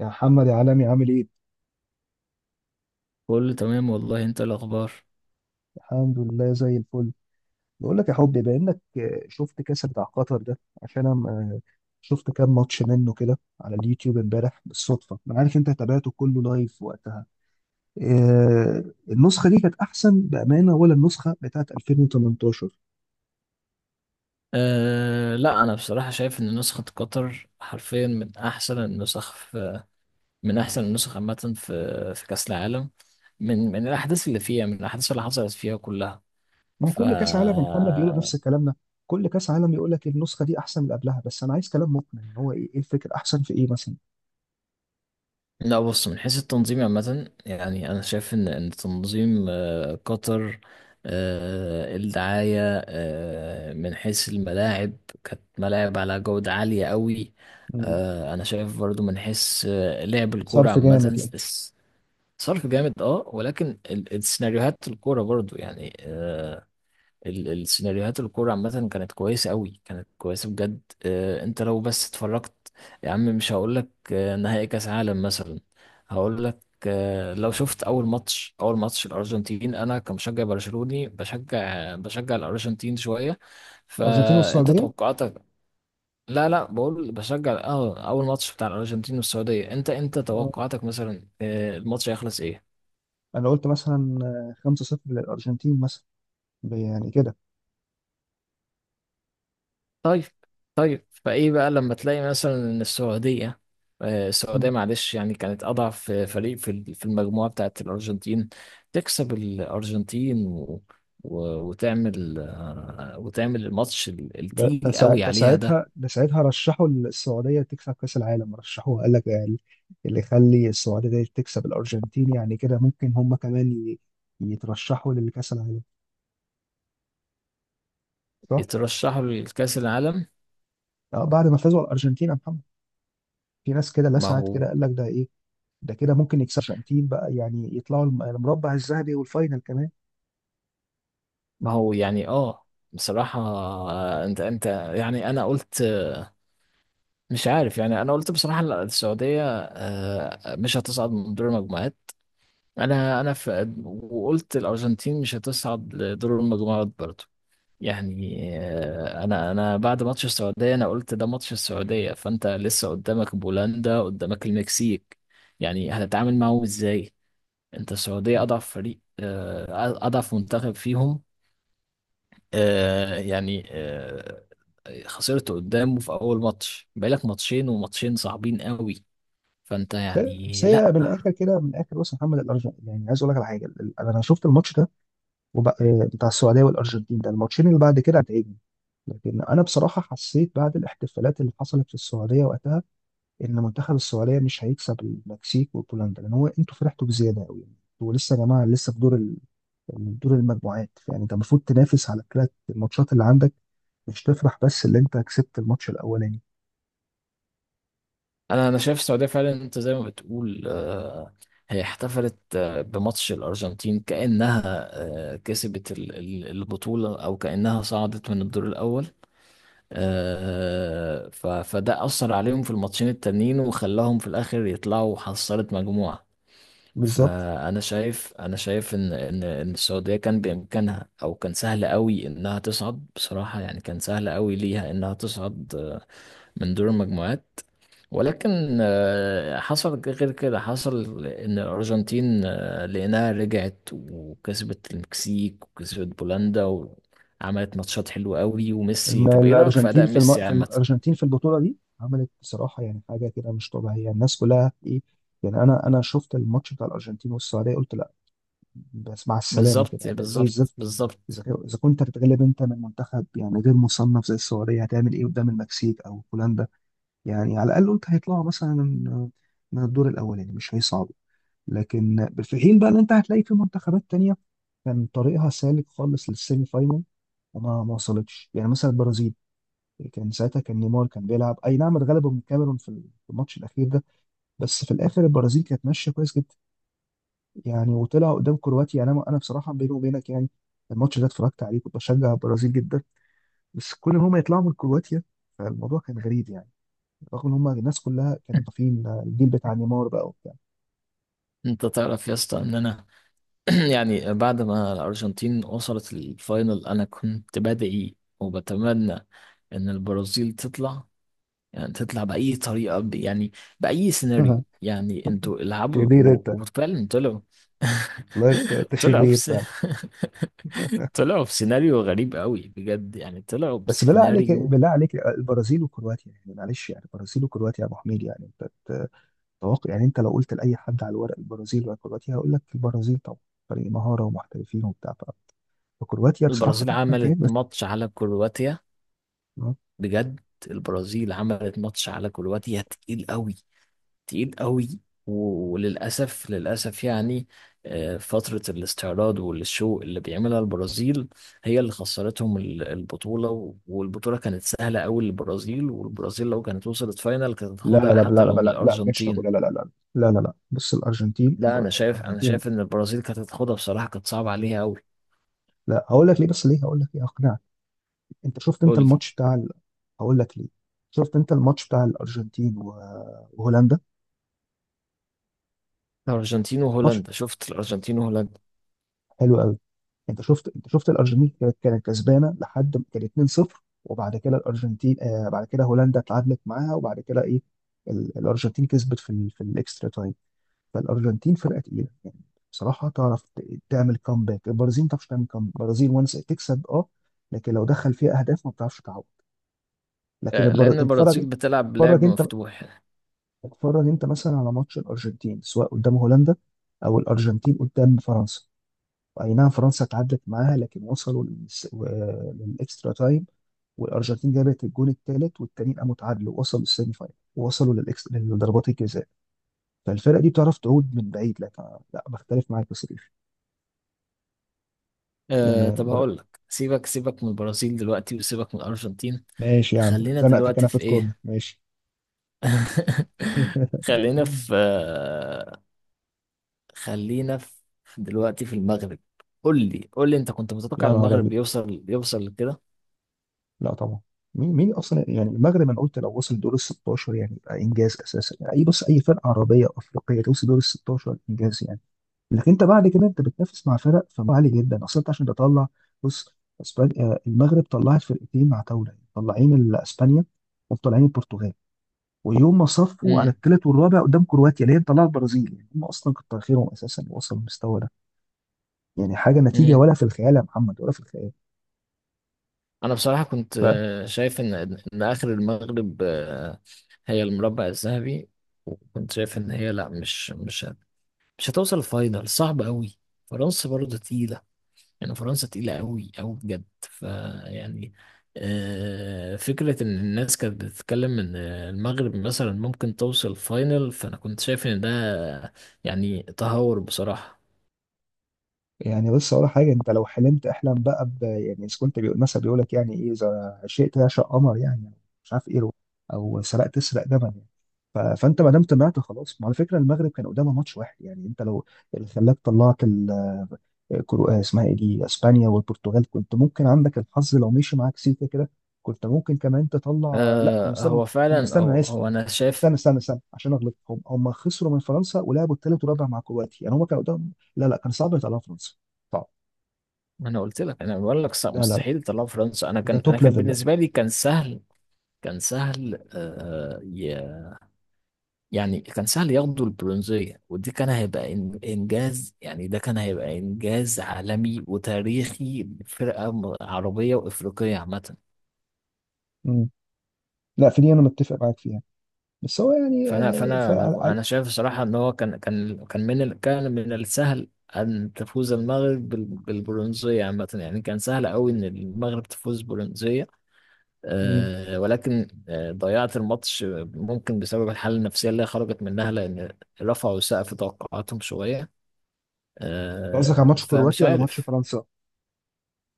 يا محمد يا عالمي، عامل ايه؟ كله تمام والله، انت إيه الاخبار؟ الحمد لله زي الفل. بقول لك يا حبي، بما انك شفت كاس بتاع قطر ده عشان انا شفت كام ماتش منه كده على اليوتيوب امبارح بالصدفه. انا عارف انت تابعته كله لايف وقتها. آه، النسخه دي كانت احسن بامانه ولا النسخه بتاعت 2018؟ لا، انا بصراحه شايف ان نسخه قطر حرفيا من احسن النسخ عامه، في كاس العالم، من الاحداث اللي حصلت فيها كلها. ما هو ف كل كاس عالم يا محمد بيقولوا نفس الكلام ده. كل كاس عالم يقول لك النسخه دي احسن من اللي قبلها، بس انا عايز كلام مقنع. يعني هو إيه الفكره؟ احسن في ايه مثلا؟ لا، بص، من حيث التنظيم عامة، يعني أنا شايف إن تنظيم قطر، الدعاية، من حيث الملاعب، كانت ملاعب على جودة عالية قوي. مم. أنا شايف برضو من حيث لعب الكورة صرف عامة. جامد يعني. الصرف جامد، ولكن السيناريوهات الكورة برضو، يعني السيناريوهات الكورة عامة كانت كويسة قوي، كانت كويسة بجد. انت لو بس اتفرجت، يا عم مش هقولك نهائي كأس عالم مثلا، هقولك لو شفت أول ماتش، أول ماتش الأرجنتين. أنا كمشجع برشلوني بشجع الأرجنتين شوية، ارجنتين فأنت والسعوديه، توقعاتك. لا، لا، بقول بشجع، أول ماتش بتاع الأرجنتين والسعودية. أنت توقعاتك مثلا، الماتش هيخلص إيه؟ انا قلت مثلا 5-0 للارجنتين مثلا يعني كده. طيب، طيب، فايه بقى لما تلاقي مثلا ان السعوديه، مم. السعوديه، معلش يعني، كانت اضعف فريق في في المجموعه بتاعت الارجنتين، تكسب الارجنتين وتعمل الماتش ده ده التقيل سا- قوي ده عليها ده. ساعتها ده ساعتها رشحوا السعوديه تكسب كاس العالم، رشحوها قال لك. يعني اللي يخلي السعوديه دي تكسب الارجنتين يعني كده ممكن هم كمان يترشحوا لكاس العالم، صح؟ يترشحوا لكأس العالم. بعد ما فازوا على الارجنتين يا محمد في ناس كده ما لسعت هو كده قال لك ده ايه؟ ده كده ممكن يكسب الارجنتين بقى، يعني يطلعوا المربع الذهبي والفاينل كمان. ما هو يعني. اه بصراحة، انت، يعني انا قلت، مش عارف، يعني انا قلت بصراحة السعودية مش هتصعد من دور المجموعات. انا وقلت الارجنتين مش هتصعد لدور المجموعات برضو. يعني انا بعد ماتش السعوديه، انا قلت ده ماتش السعوديه، فانت لسه قدامك بولندا، قدامك المكسيك، يعني هتتعامل معاهم ازاي؟ انت السعوديه اضعف فريق، اضعف منتخب فيهم. يعني، خسرت قدامه في اول ماتش، بقالك ماتشين، وماتشين صعبين قوي، فانت بس هي بس يعني لا. هي من الاخر، كده من الاخر، بص يا محمد، الارجنتين يعني عايز اقول لك على حاجه. انا شفت الماتش ده وبقى، بتاع السعوديه والارجنتين ده الماتشين اللي بعد كده هتعجبني. لكن انا بصراحه حسيت بعد الاحتفالات اللي حصلت في السعوديه وقتها ان منتخب السعوديه مش هيكسب المكسيك وبولندا، لان هو انتوا فرحتوا بزياده قوي. انتوا لسه يا جماعه لسه في دور دور المجموعات. يعني انت المفروض تنافس على الثلاث الماتشات اللي عندك، مش تفرح بس اللي انت كسبت الماتش الاولاني. انا شايف السعوديه فعلا، انت زي ما بتقول، هي احتفلت بماتش الارجنتين كانها كسبت البطوله، او كانها صعدت من الدور الاول. فده اثر عليهم في الماتشين التانيين، وخلاهم في الاخر يطلعوا حصلت مجموعه. بالظبط. فانا شايف ان السعوديه كان بامكانها، او كان سهل قوي انها تصعد، بصراحه يعني كان سهل قوي ليها انها تصعد من دور المجموعات. ولكن حصل غير كده، حصل ان الارجنتين لانها رجعت وكسبت المكسيك وكسبت بولندا، وعملت ماتشات حلوة قوي. الم- طب، ايه رايك في الارجنتين اداء في, الم... ميسي في الم- عامة؟ الارجنتين في البطوله دي عملت بصراحه يعني حاجه كده مش طبيعيه، الناس كلها ايه. يعني انا شفت الماتش بتاع الارجنتين والسعوديه قلت، بس مع السلامة كده، بالظبط، أداء زي بالظبط، الزفت. إذا بالظبط. إذا كنت هتتغلب أنت من منتخب يعني غير مصنف زي السعودية، هتعمل إيه قدام المكسيك أو هولندا؟ يعني على الأقل قلت هيطلعوا مثلا من الدور الأولاني، يعني مش هيصعبوا. لكن في حين بقى إن أنت هتلاقي في منتخبات تانية كان طريقها سالك خالص للسيمي فاينال، وما ما وصلتش، يعني مثلا البرازيل. كان ساعتها كان نيمار كان بيلعب، أي نعم اتغلبوا من الكاميرون في الماتش الأخير ده، بس في الآخر البرازيل كانت ماشية كويس جدا. يعني وطلع قدام كرواتيا. يعني انا بصراحه بيني وبينك يعني الماتش ده اتفرجت عليه كنت بشجع البرازيل جدا، بس كل ما هم يطلعوا من كرواتيا فالموضوع كان غريب يعني، رغم ان هم الناس كلها كانوا طافين الجيل بتاع نيمار بقى وبتاع انت تعرف يا اسطى ان انا، يعني بعد ما الارجنتين وصلت الفاينل، انا كنت بدعي وبتمنى ان البرازيل تطلع، يعني تطلع بأي طريقة، يعني بأي سيناريو، يعني انتوا العبوا شرير انت. وفعلا طلعوا. والله انت انت طلعوا شرير بس. فعلا. طلعوا في سيناريو غريب قوي بجد، يعني طلعوا بس بالله عليك بسيناريو. بالله عليك، البرازيل وكرواتيا يعني، معلش يعني البرازيل وكرواتيا يا ابو حميد يعني انت تتوقع؟ يعني انت لو قلت لاي حد على الورق البرازيل ولا كرواتيا، هيقول لك البرازيل طبعا، فريق مهاره ومحترفين وبتاع. فكرواتيا بصراحه البرازيل مهما كان، عملت ماتش على كرواتيا، بس بجد البرازيل عملت ماتش على كرواتيا تقيل قوي، تقيل قوي. وللأسف، للأسف، يعني فترة الاستعراض والشو اللي بيعملها البرازيل هي اللي خسرتهم البطولة. والبطولة كانت سهلة قوي للبرازيل، والبرازيل لو كانت وصلت فاينل كانت لا لا هتاخدها لا لا حتى لو لا من لا لا ما كانتش تاكل، الأرجنتين. لا لا لا لا لا لا لا. بص الارجنتين، لا، أنا شايف أنا الارجنتين، شايف إن البرازيل كانت هتاخدها بصراحة، كانت صعبة عليها قوي. لا هقول لك ليه، بس ليه هقول لك ليه اقنعك. انت شفت انت قول لي. الماتش بتاع هقول لك ليه. شفت انت الماتش بتاع الارجنتين وهولندا، الأرجنتين ماتش وهولندا، شفت الأرجنتين وهولندا. حلو قوي. انت شفت الارجنتين كانت كسبانه لحد ما كان 2-0، وبعد كده الارجنتين بعد كده هولندا اتعادلت معاها، وبعد كده ايه الارجنتين كسبت في في الاكسترا تايم. فالارجنتين فرقه تقيله يعني، بصراحه تعرف تعمل كومباك. البرازيل ما تعرفش تعمل كومباك، البرازيل وانس تكسب اه، لكن لو دخل فيها اهداف ما بتعرفش تعوض. لكن لأن اتفرج، البرازيل بتلعب بلعب اتفرج انت مفتوح. اتفرج انت مثلا على ماتش الارجنتين، سواء قدام هولندا او الارجنتين قدام فرنسا. اي نعم فرنسا اتعادلت معاها، لكن وصلوا للاكسترا تايم، والارجنتين جابت الجون الثالث، والتانيين قاموا اتعادلوا، وصلوا للسيمي فاينل، وصلوا لضربات الجزاء. فالفرقه دي بتعرف تعود من بعيد لك. لا بختلف معاك بس. يعني طب هقول لك، سيبك سيبك من البرازيل دلوقتي، وسيبك من الأرجنتين. ماشي يا عم، خلينا زنقتك دلوقتي انا في في الكورنر، إيه. ماشي. خلينا في آه، خلينا في دلوقتي في المغرب. قول لي، قول لي، أنت كنت متوقع يا نهار ابيض، المغرب يوصل لكده؟ لا طبعا. مين مين اصلا يعني المغرب؟ انا قلت لو وصل دور ال 16 يعني يبقى انجاز اساسا. يعني اي، بص، اي فرقه عربيه أو افريقيه توصل دور ال 16 انجاز يعني. لكن انت بعد كده انت بتنافس مع فرق فما عالي جدا اصلا انت عشان تطلع. بص اسبانيا، المغرب طلعت فرقتين مع طاوله يعني، طلعين اسبانيا ومطلعين البرتغال. ويوم ما صفوا على امم. الثالث والرابع قدام كرواتيا اللي هي طلعت البرازيل، يعني هم اصلا كتر خيرهم اساسا وصلوا للمستوى ده. يعني حاجه نتيجه، امم. ولا في الخيال يا محمد، ولا في الخيال. أنا بصراحة كنت ف شايف إن آخر المغرب هي المربع الذهبي. وكنت شايف إن هي لا، مش هتوصل الفاينل، صعب قوي. فرنسا برضه تقيلة، يعني فرنسا تقيلة قوي قوي بجد، فيعني. فكرة إن الناس كانت بتتكلم إن المغرب مثلا ممكن توصل فاينل، فأنا كنت شايف إن ده يعني تهور بصراحة. يعني بص اقول لك حاجه، انت لو حلمت احلم بقى يعني اذا كنت بيقول مثلا بيقول لك يعني ايه، اذا شئت اعشق قمر يعني، مش عارف ايه، او سرقت اسرق جبل يعني. فانت ما دام طمعت خلاص. ما على فكره المغرب كان قدامها ماتش واحد، يعني انت لو اللي خلاك طلعت كرو آه، اسمها ايه دي، اسبانيا والبرتغال، كنت ممكن عندك الحظ لو مشي معاك سيكا كده، كنت ممكن كمان تطلع. لا هم استنوا، هو هم فعلا، استنى انا هو, اسف، هو انا شايف. استنى استنى استنى عشان اغلط، هم خسروا من فرنسا ولعبوا الثالث والرابع مع كرواتيا، يعني هم كانوا قدام. لا لا كان صعب يطلعوا فرنسا، صعب. ما انا قلت لك، انا بقول لك لا لا لا، مستحيل يطلعوا فرنسا. انا كان ده انا توب كان ليفل، لا. بالنسبه لي كان سهل. كان سهل، يعني كان سهل ياخدوا البرونزية، ودي كان هيبقى إنجاز، يعني ده كان هيبقى إنجاز عالمي وتاريخي لفرقة عربية وإفريقية عامة. مم. لا في دي انا متفق معاك فيها، بس هو يعني فأنا فأنا أنا فعلى أنا شايف الصراحة إن هو كان من السهل أن تفوز المغرب بالبرونزية عامة، يعني كان سهل أوي إن المغرب تفوز برونزية. مم. ولكن ضيعت الماتش، ممكن بسبب الحالة النفسية اللي هي خرجت منها، لأن رفعوا سقف توقعاتهم شوية. قصدك على ماتش فمش كرواتيا ولا ماتش عارف. فرنسا؟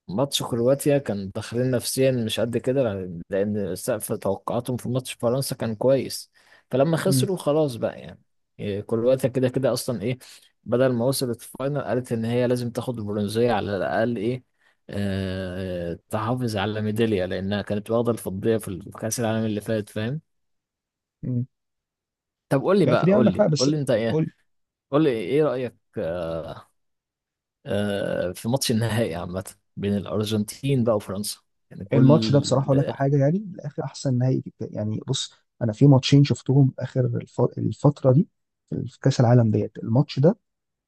ماتش كرواتيا كان داخلين نفسيا مش قد كده، لأن سقف توقعاتهم في ماتش فرنسا كان كويس، فلما مم. خسروا خلاص بقى، يعني. إيه، كرواتيا كده كده أصلا، إيه، بدل ما وصلت الفاينل قالت إن هي لازم تاخد البرونزية على الأقل، إيه، تحافظ على ميدالية، لأنها كانت واخدة الفضية في كأس العالم اللي فات، فاهم؟ مم. طب قول لي لا في بقى، دي قول عندك حق، لي، بس قول لي أنت إيه، قول. قول لي إيه رأيك في ماتش النهائي عامة، بين الأرجنتين بقى وفرنسا؟ يعني الماتش ده بصراحه كل اقول لك على حاجه، يعني من الاخر احسن نهائي. يعني بص، انا في ماتشين شفتهم اخر الفتره دي في كاس العالم ديت، الماتش ده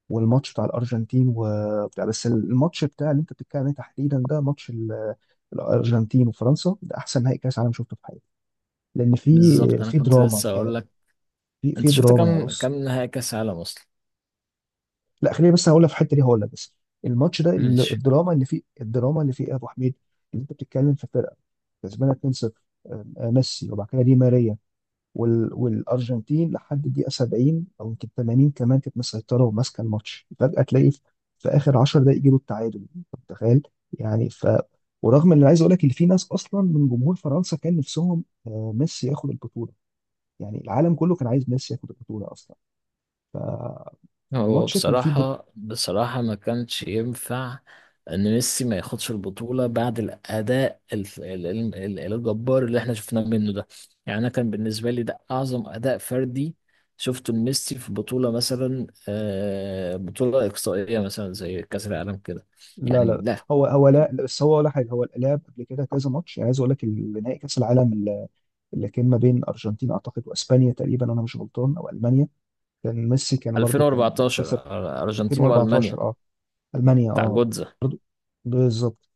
والماتش بتاع الارجنتين وبتاع، بس الماتش بتاع اللي انت بتتكلم عليه تحديدا ده، ماتش الارجنتين وفرنسا، ده احسن نهائي كاس عالم شفته في حياتي، لان في بالظبط، أنا في كنت لسه دراما أقول يعني، لك، في أنت في شفت دراما يعني. كام بص، كام نهائي كأس عالم أصلا؟ لا خليني بس هقول لك في الحته دي هقول لك، بس الماتش ده ماشي. الدراما اللي فيه، الدراما اللي فيه إيه يا ابو حميد، اللي انت بتتكلم في فرقه كسبانه 2-0، آه، ميسي وبعد كده دي ماريا، والارجنتين لحد الدقيقه 70 او يمكن 80 كمان كانت مسيطره وماسكه الماتش، فجاه تلاقي في اخر 10 دقائق يجيبوا التعادل، أنت متخيل؟ يعني ورغم ان أنا عايز اقول لك ان في ناس اصلا من جمهور فرنسا كان نفسهم ميسي ياخد البطوله، يعني العالم كله كان عايز ميسي ياخد البطوله اصلا. هو فالماتش كان فيه بصراحة، بصراحة ما كانش ينفع إن ميسي ما ياخدش البطولة بعد الأداء الجبار اللي إحنا شفناه منه ده. يعني أنا، كان بالنسبة لي ده أعظم أداء فردي شفته لميسي في بطولة، مثلا بطولة إقصائية مثلا زي كأس العالم كده. لا يعني لا لا. هو هو، لا لا، بس هو ولا حاجه، هو لعب قبل كده كذا ماتش، يعني عايز اقول لك نهائي كاس العالم اللي كان ما بين ارجنتين اعتقد واسبانيا تقريبا، انا مش غلطان، او المانيا. كان ميسي كان برضو كان 2014، خسر ارجنتين والمانيا، 2014، اه المانيا، بتاع اه جوتزا. برضو، بالظبط.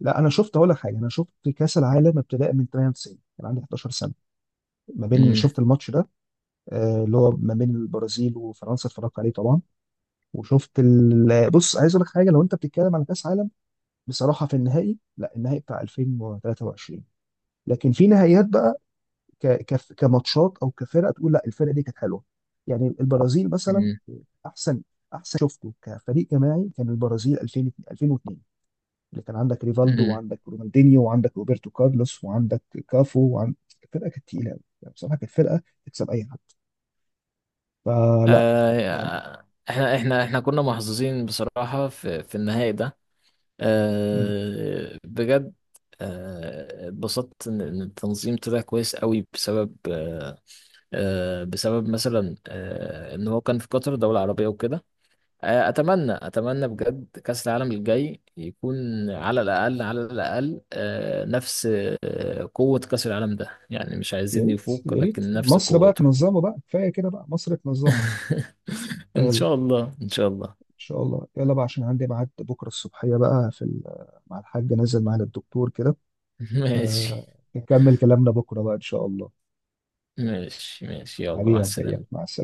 لا انا شفت اقول لك حاجه، انا شفت كاس العالم ابتداء من 98، كان عندي 11 سنه. ما بين امم. شفت الماتش ده اللي هو ما بين البرازيل وفرنسا اتفرجت عليه طبعا. وشفت بص عايز اقول لك حاجه، لو انت بتتكلم على كاس عالم بصراحه في النهائي، لا النهائي بتاع 2023. لكن في نهائيات بقى كماتشات او كفرقه تقول لا الفرقه دي كانت حلوه، يعني البرازيل مثلا. امم. احسن احسن شفته كفريق جماعي كان البرازيل 2000 2002، اللي كان عندك ريفالدو امم. وعندك رونالدينيو وعندك روبرتو كارلوس وعندك كافو وعند. الفرقه كانت تقيله قوي، يعني بصراحه كانت فرقه تكسب اي حد، فلا يعني. آه احنا كنا محظوظين بصراحة، في النهائي ده. مم. بجد. اتبسطت إن التنظيم طلع كويس قوي، بسبب بسبب مثلا ان هو كان في قطر دولة عربية وكده. اتمنى اتمنى بجد كاس العالم الجاي يكون على الاقل، على الاقل نفس، قوة كاس العالم ده، يعني مش يا عايزين ريت يفوق، يا ريت لكن نفس مصر بقى قوته. تنظمه بقى، كفايه كده، بقى مصر تنظمه، ان يلا. شاء الله، ان شاء الله. ان شاء الله، يلا بقى عشان عندي ميعاد بكره الصبحيه بقى في مع الحاج نازل معانا الدكتور كده، ماشي، فنكمل كلامنا بكره بقى ان شاء الله. ماشي، ماشي، يلا، حبيبي مع يا أبو إياد، السلامة. مع السلامه.